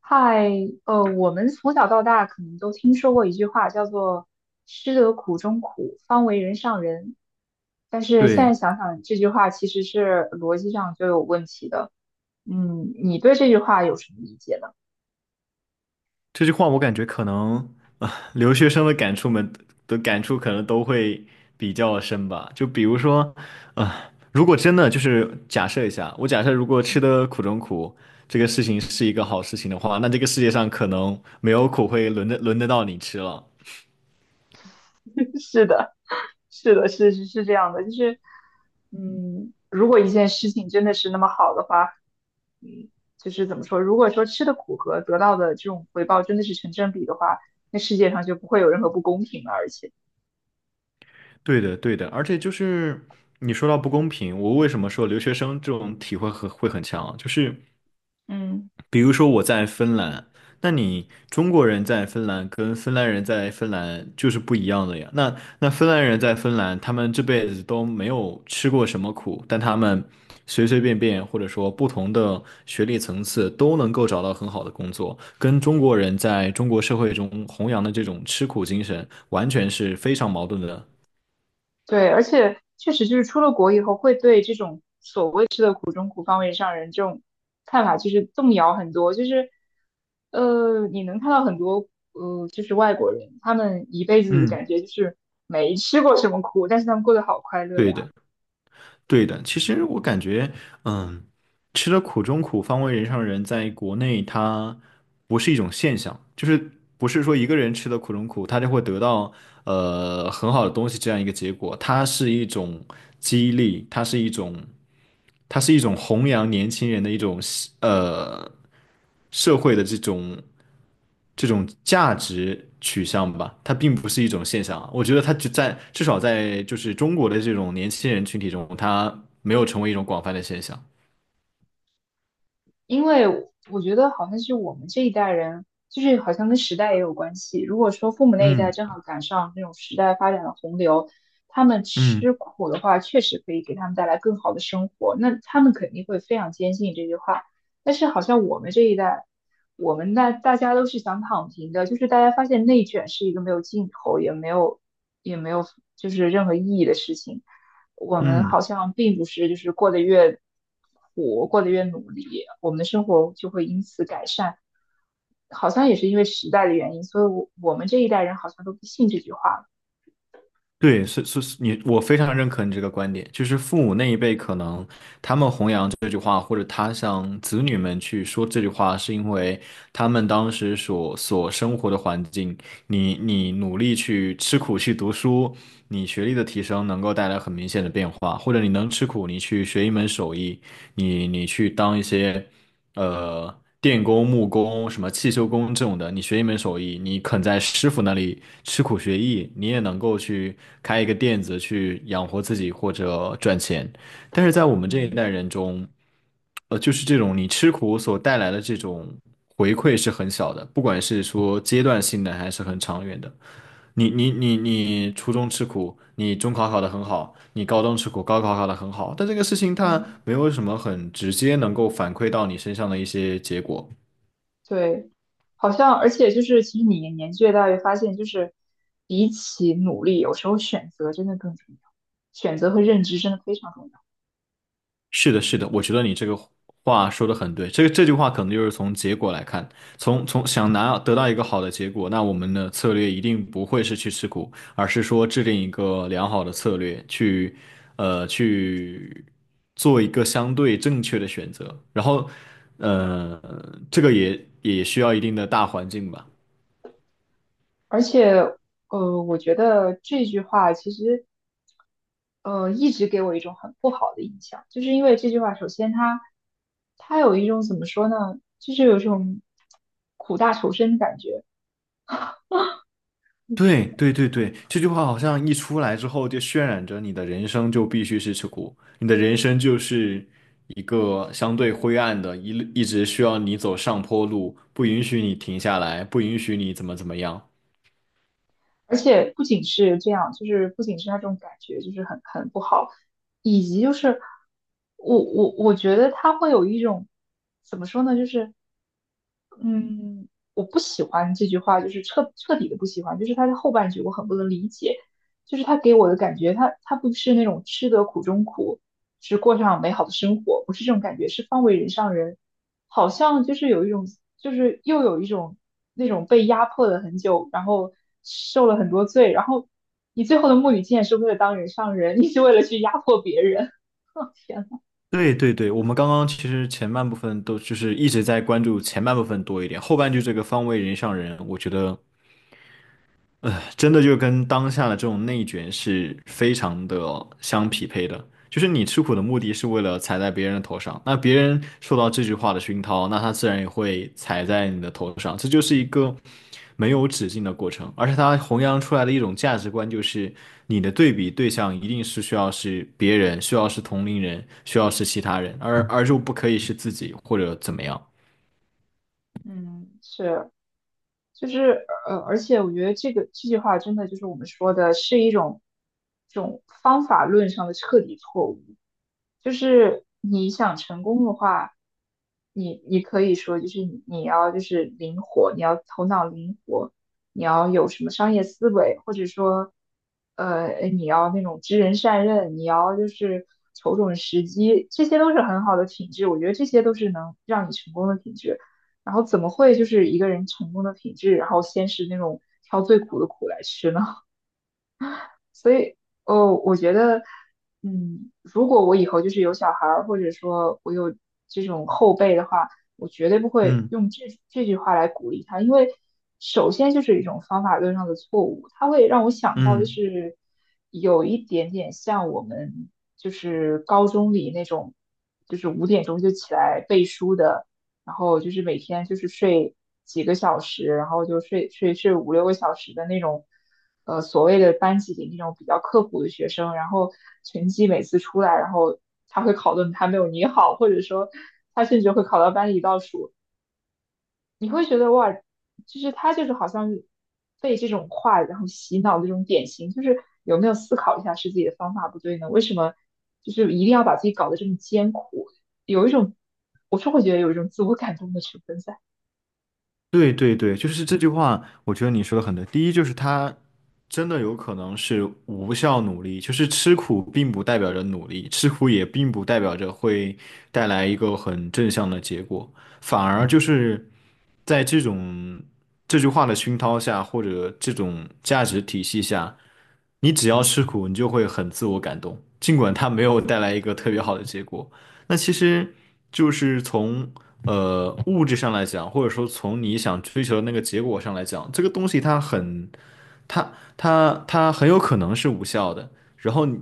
嗨，我们从小到大可能都听说过一句话，叫做"吃得苦中苦，方为人上人"。但是现在对，想想，这句话其实是逻辑上就有问题的。你对这句话有什么理解呢？这句话我感觉可能留学生的感触可能都会比较深吧。就比如说，如果真的就是假设一下，我假设如果嗯。 吃的苦中苦这个事情是一个好事情的话，那这个世界上可能没有苦会轮得到你吃了。是的，是的，是是是这样的，就是，如果一件事情真的是那么好的话，嗯，就是怎么说，如果说吃的苦和得到的这种回报真的是成正比的话，那世界上就不会有任何不公平了，而且，对的，而且就是你说到不公平，我为什么说留学生这种体会会很强啊，就是嗯。比如说我在芬兰，那你中国人在芬兰跟芬兰人在芬兰就是不一样的呀。那芬兰人在芬兰，他们这辈子都没有吃过什么苦，但他们随随便便或者说不同的学历层次都能够找到很好的工作，跟中国人在中国社会中弘扬的这种吃苦精神完全是非常矛盾的。对，而且确实就是出了国以后，会对这种所谓吃的苦中苦，方为上人这种看法就是动摇很多。就是你能看到很多就是外国人，他们一辈子嗯。感觉就是没吃过什么苦，但是他们过得好快乐对呀。的。对的，其实我感觉，嗯，吃了苦中苦，方为人上人，在国内它不是一种现象，就是不是说一个人吃了苦中苦，他就会得到很好的东西这样一个结果，它是一种激励，它是一种，它是一种弘扬年轻人的一种呃社会的这种。这种价值取向吧，它并不是一种现象啊。我觉得它就在至少在就是中国的这种年轻人群体中，它没有成为一种广泛的现象。因为我觉得好像是我们这一代人，就是好像跟时代也有关系。如果说父母那一代正嗯好赶上那种时代发展的洪流，他们嗯吃苦的话，确实可以给他们带来更好的生活，那他们肯定会非常坚信这句话。但是好像我们这一代。我们那大家都是想躺平的，就是大家发现内卷是一个没有尽头，也没有就是任何意义的事情。我们好嗯。像并不是就是过得越苦，过得越努力，我们的生活就会因此改善。好像也是因为时代的原因，所以我们这一代人好像都不信这句话了。对，是,你我非常认可你这个观点，就是父母那一辈可能他们弘扬这句话，或者他向子女们去说这句话，是因为他们当时所生活的环境，你努力去吃苦去读书，你学历的提升能够带来很明显的变化，或者你能吃苦，你去学一门手艺，你去当一些。电工、木工、什么汽修工这种的，你学一门手艺，你肯在师傅那里吃苦学艺，你也能够去开一个店子去养活自己或者赚钱。但是在我们这一嗯代人中，就是这种你吃苦所带来的这种回馈是很小的，不管是说阶段性的还是很长远的。你初中吃苦，你中考考得很好，你高中吃苦，高考考得很好，但这个事情它嗯。没有什么很直接能够反馈到你身上的一些结果。对，好像而且就是，其实你年纪越大，越发现就是，比起努力，有时候选择真的更重要，选择和认知真的非常重要。是的，是的，我觉得你这个话说的很对。这个这句话可能就是从结果来看，从想拿得到一个好的结果，那我们的策略一定不会是去吃苦，而是说制定一个良好的策略，去做一个相对正确的选择。然后呃，这个也需要一定的大环境吧。而且，我觉得这句话其实，一直给我一种很不好的印象，就是因为这句话，首先它有一种怎么说呢，就是有一种苦大仇深的感觉。对,这句话好像一出来之后，就渲染着你的人生就必须是吃苦，你的人生就是一个相对灰暗的，一直需要你走上坡路，不允许你停下来，不允许你怎么怎么样。而且不仅是这样，就是不仅是那种感觉，就是很不好，以及就是我觉得他会有一种怎么说呢，就是嗯，我不喜欢这句话，就是彻彻底的不喜欢，就是他的后半句我很不能理解，就是他给我的感觉，他不是那种吃得苦中苦，只过上美好的生活，不是这种感觉，是方为人上人，好像就是有一种，就是又有一种那种被压迫了很久，然后受了很多罪，然后你最后的目的竟然是为了当人上人，你是为了去压迫别人，天呐，对,我们刚刚其实前半部分都就是一直在关注前半部分多一点，后半句这个方为人上人，我觉得真的就跟当下的这种内卷是非常的相匹配的。就是你吃苦的目的是为了踩在别人的头上，那别人受到这句话的熏陶，那他自然也会踩在你的头上。这就是一个没有止境的过程，而且他弘扬出来的一种价值观就是，你的对比对象一定是需要是别人，需要是同龄人，需要是其他人，而就不可以是自己或者怎么样。嗯，是。就是而且我觉得这个这句话真的就是我们说的是一种这种方法论上的彻底错误。就是你想成功的话，你可以说就是你要就是灵活，你要头脑灵活，你要有什么商业思维，或者说你要那种知人善任，你要就是瞅准时机，这些都是很好的品质。我觉得这些都是能让你成功的品质。然后怎么会就是一个人成功的品质，然后先是那种挑最苦的苦来吃呢？所以，哦，我觉得，如果我以后就是有小孩儿，或者说我有这种后辈的话，我绝对不会嗯用这句话来鼓励他，因为首先就是一种方法论上的错误，它会让我想到就嗯。是有一点点像我们就是高中里那种，就是5点钟就起来背书的。然后就是每天就是睡几个小时，然后就睡五六个小时的那种，所谓的班级里那种比较刻苦的学生，然后成绩每次出来，然后他会考的还没有你好，或者说他甚至会考到班里倒数，你会觉得哇，就是他就是好像被这种话然后洗脑的这种典型，就是有没有思考一下是自己的方法不对呢？为什么就是一定要把自己搞得这么艰苦？有一种，我是会觉得有一种自我感动的成分在。对,就是这句话，我觉得你说的很对。第一就是他真的有可能是无效努力，就是吃苦并不代表着努力，吃苦也并不代表着会带来一个很正向的结果，反而就是在这种这句话的熏陶下，或者这种价值体系下，你只要吃苦，你就会很自我感动，尽管它没有带来一个特别好的结果。那其实就是从物质上来讲，或者说从你想追求的那个结果上来讲，这个东西它很，它它很有可能是无效的。然后你，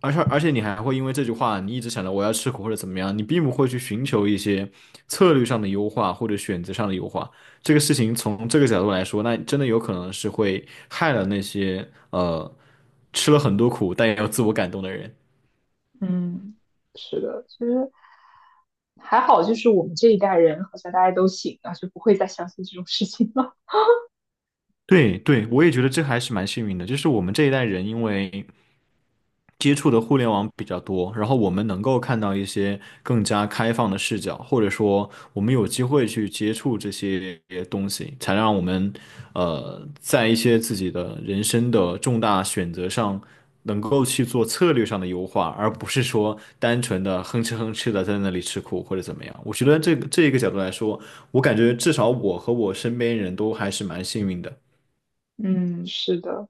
而且你还会因为这句话，你一直想着我要吃苦或者怎么样，你并不会去寻求一些策略上的优化或者选择上的优化。这个事情从这个角度来说，那真的有可能是会害了那些吃了很多苦但也有自我感动的人。嗯，是的，其实还好，就是我们这一代人好像大家都醒了，就不会再相信这种事情了。对对，我也觉得这还是蛮幸运的，就是我们这一代人因为接触的互联网比较多，然后我们能够看到一些更加开放的视角，或者说我们有机会去接触这些东西，才让我们在一些自己的人生的重大选择上能够去做策略上的优化，而不是说单纯的哼哧哼哧的在那里吃苦或者怎么样。我觉得这个这一个角度来说，我感觉至少我和我身边人都还是蛮幸运的。嗯，是的。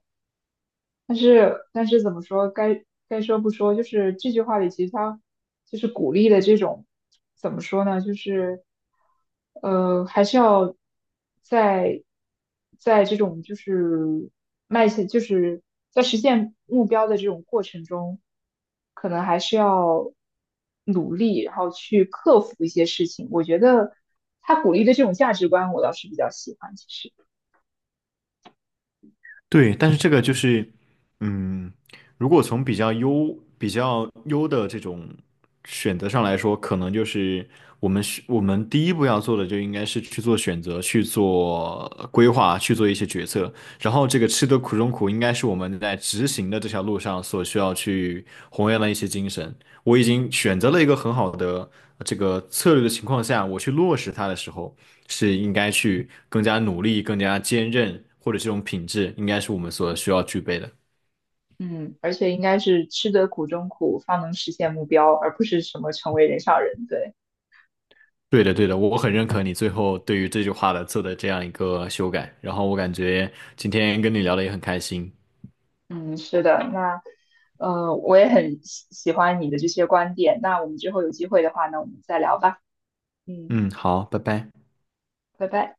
但是怎么说，该说不说，就是这句话里其实它就是鼓励的这种，怎么说呢，就是还是要在在这种就是迈向，就是在实现目标的这种过程中，可能还是要努力，然后去克服一些事情。我觉得他鼓励的这种价值观，我倒是比较喜欢，其实。对，但是这个就是，嗯，如果从比较优的这种选择上来说，可能就是我们第一步要做的，就应该是去做选择、去做规划、去做一些决策。然后这个吃得苦中苦，应该是我们在执行的这条路上所需要去弘扬的一些精神。我已经选择了一个很好的这个策略的情况下，我去落实它的时候。是应该去更加努力、更加坚韧，或者这种品质，应该是我们所需要具备的。嗯，而且应该是吃得苦中苦，方能实现目标，而不是什么成为人上人。对，对的，对的，我很认可你最后对于这句话的做的这样一个修改，然后我感觉今天跟你聊的也很开心。嗯，是的。那，我也很喜欢你的这些观点。那我们之后有机会的话呢，我们再聊吧。嗯，嗯，好，拜拜。拜拜。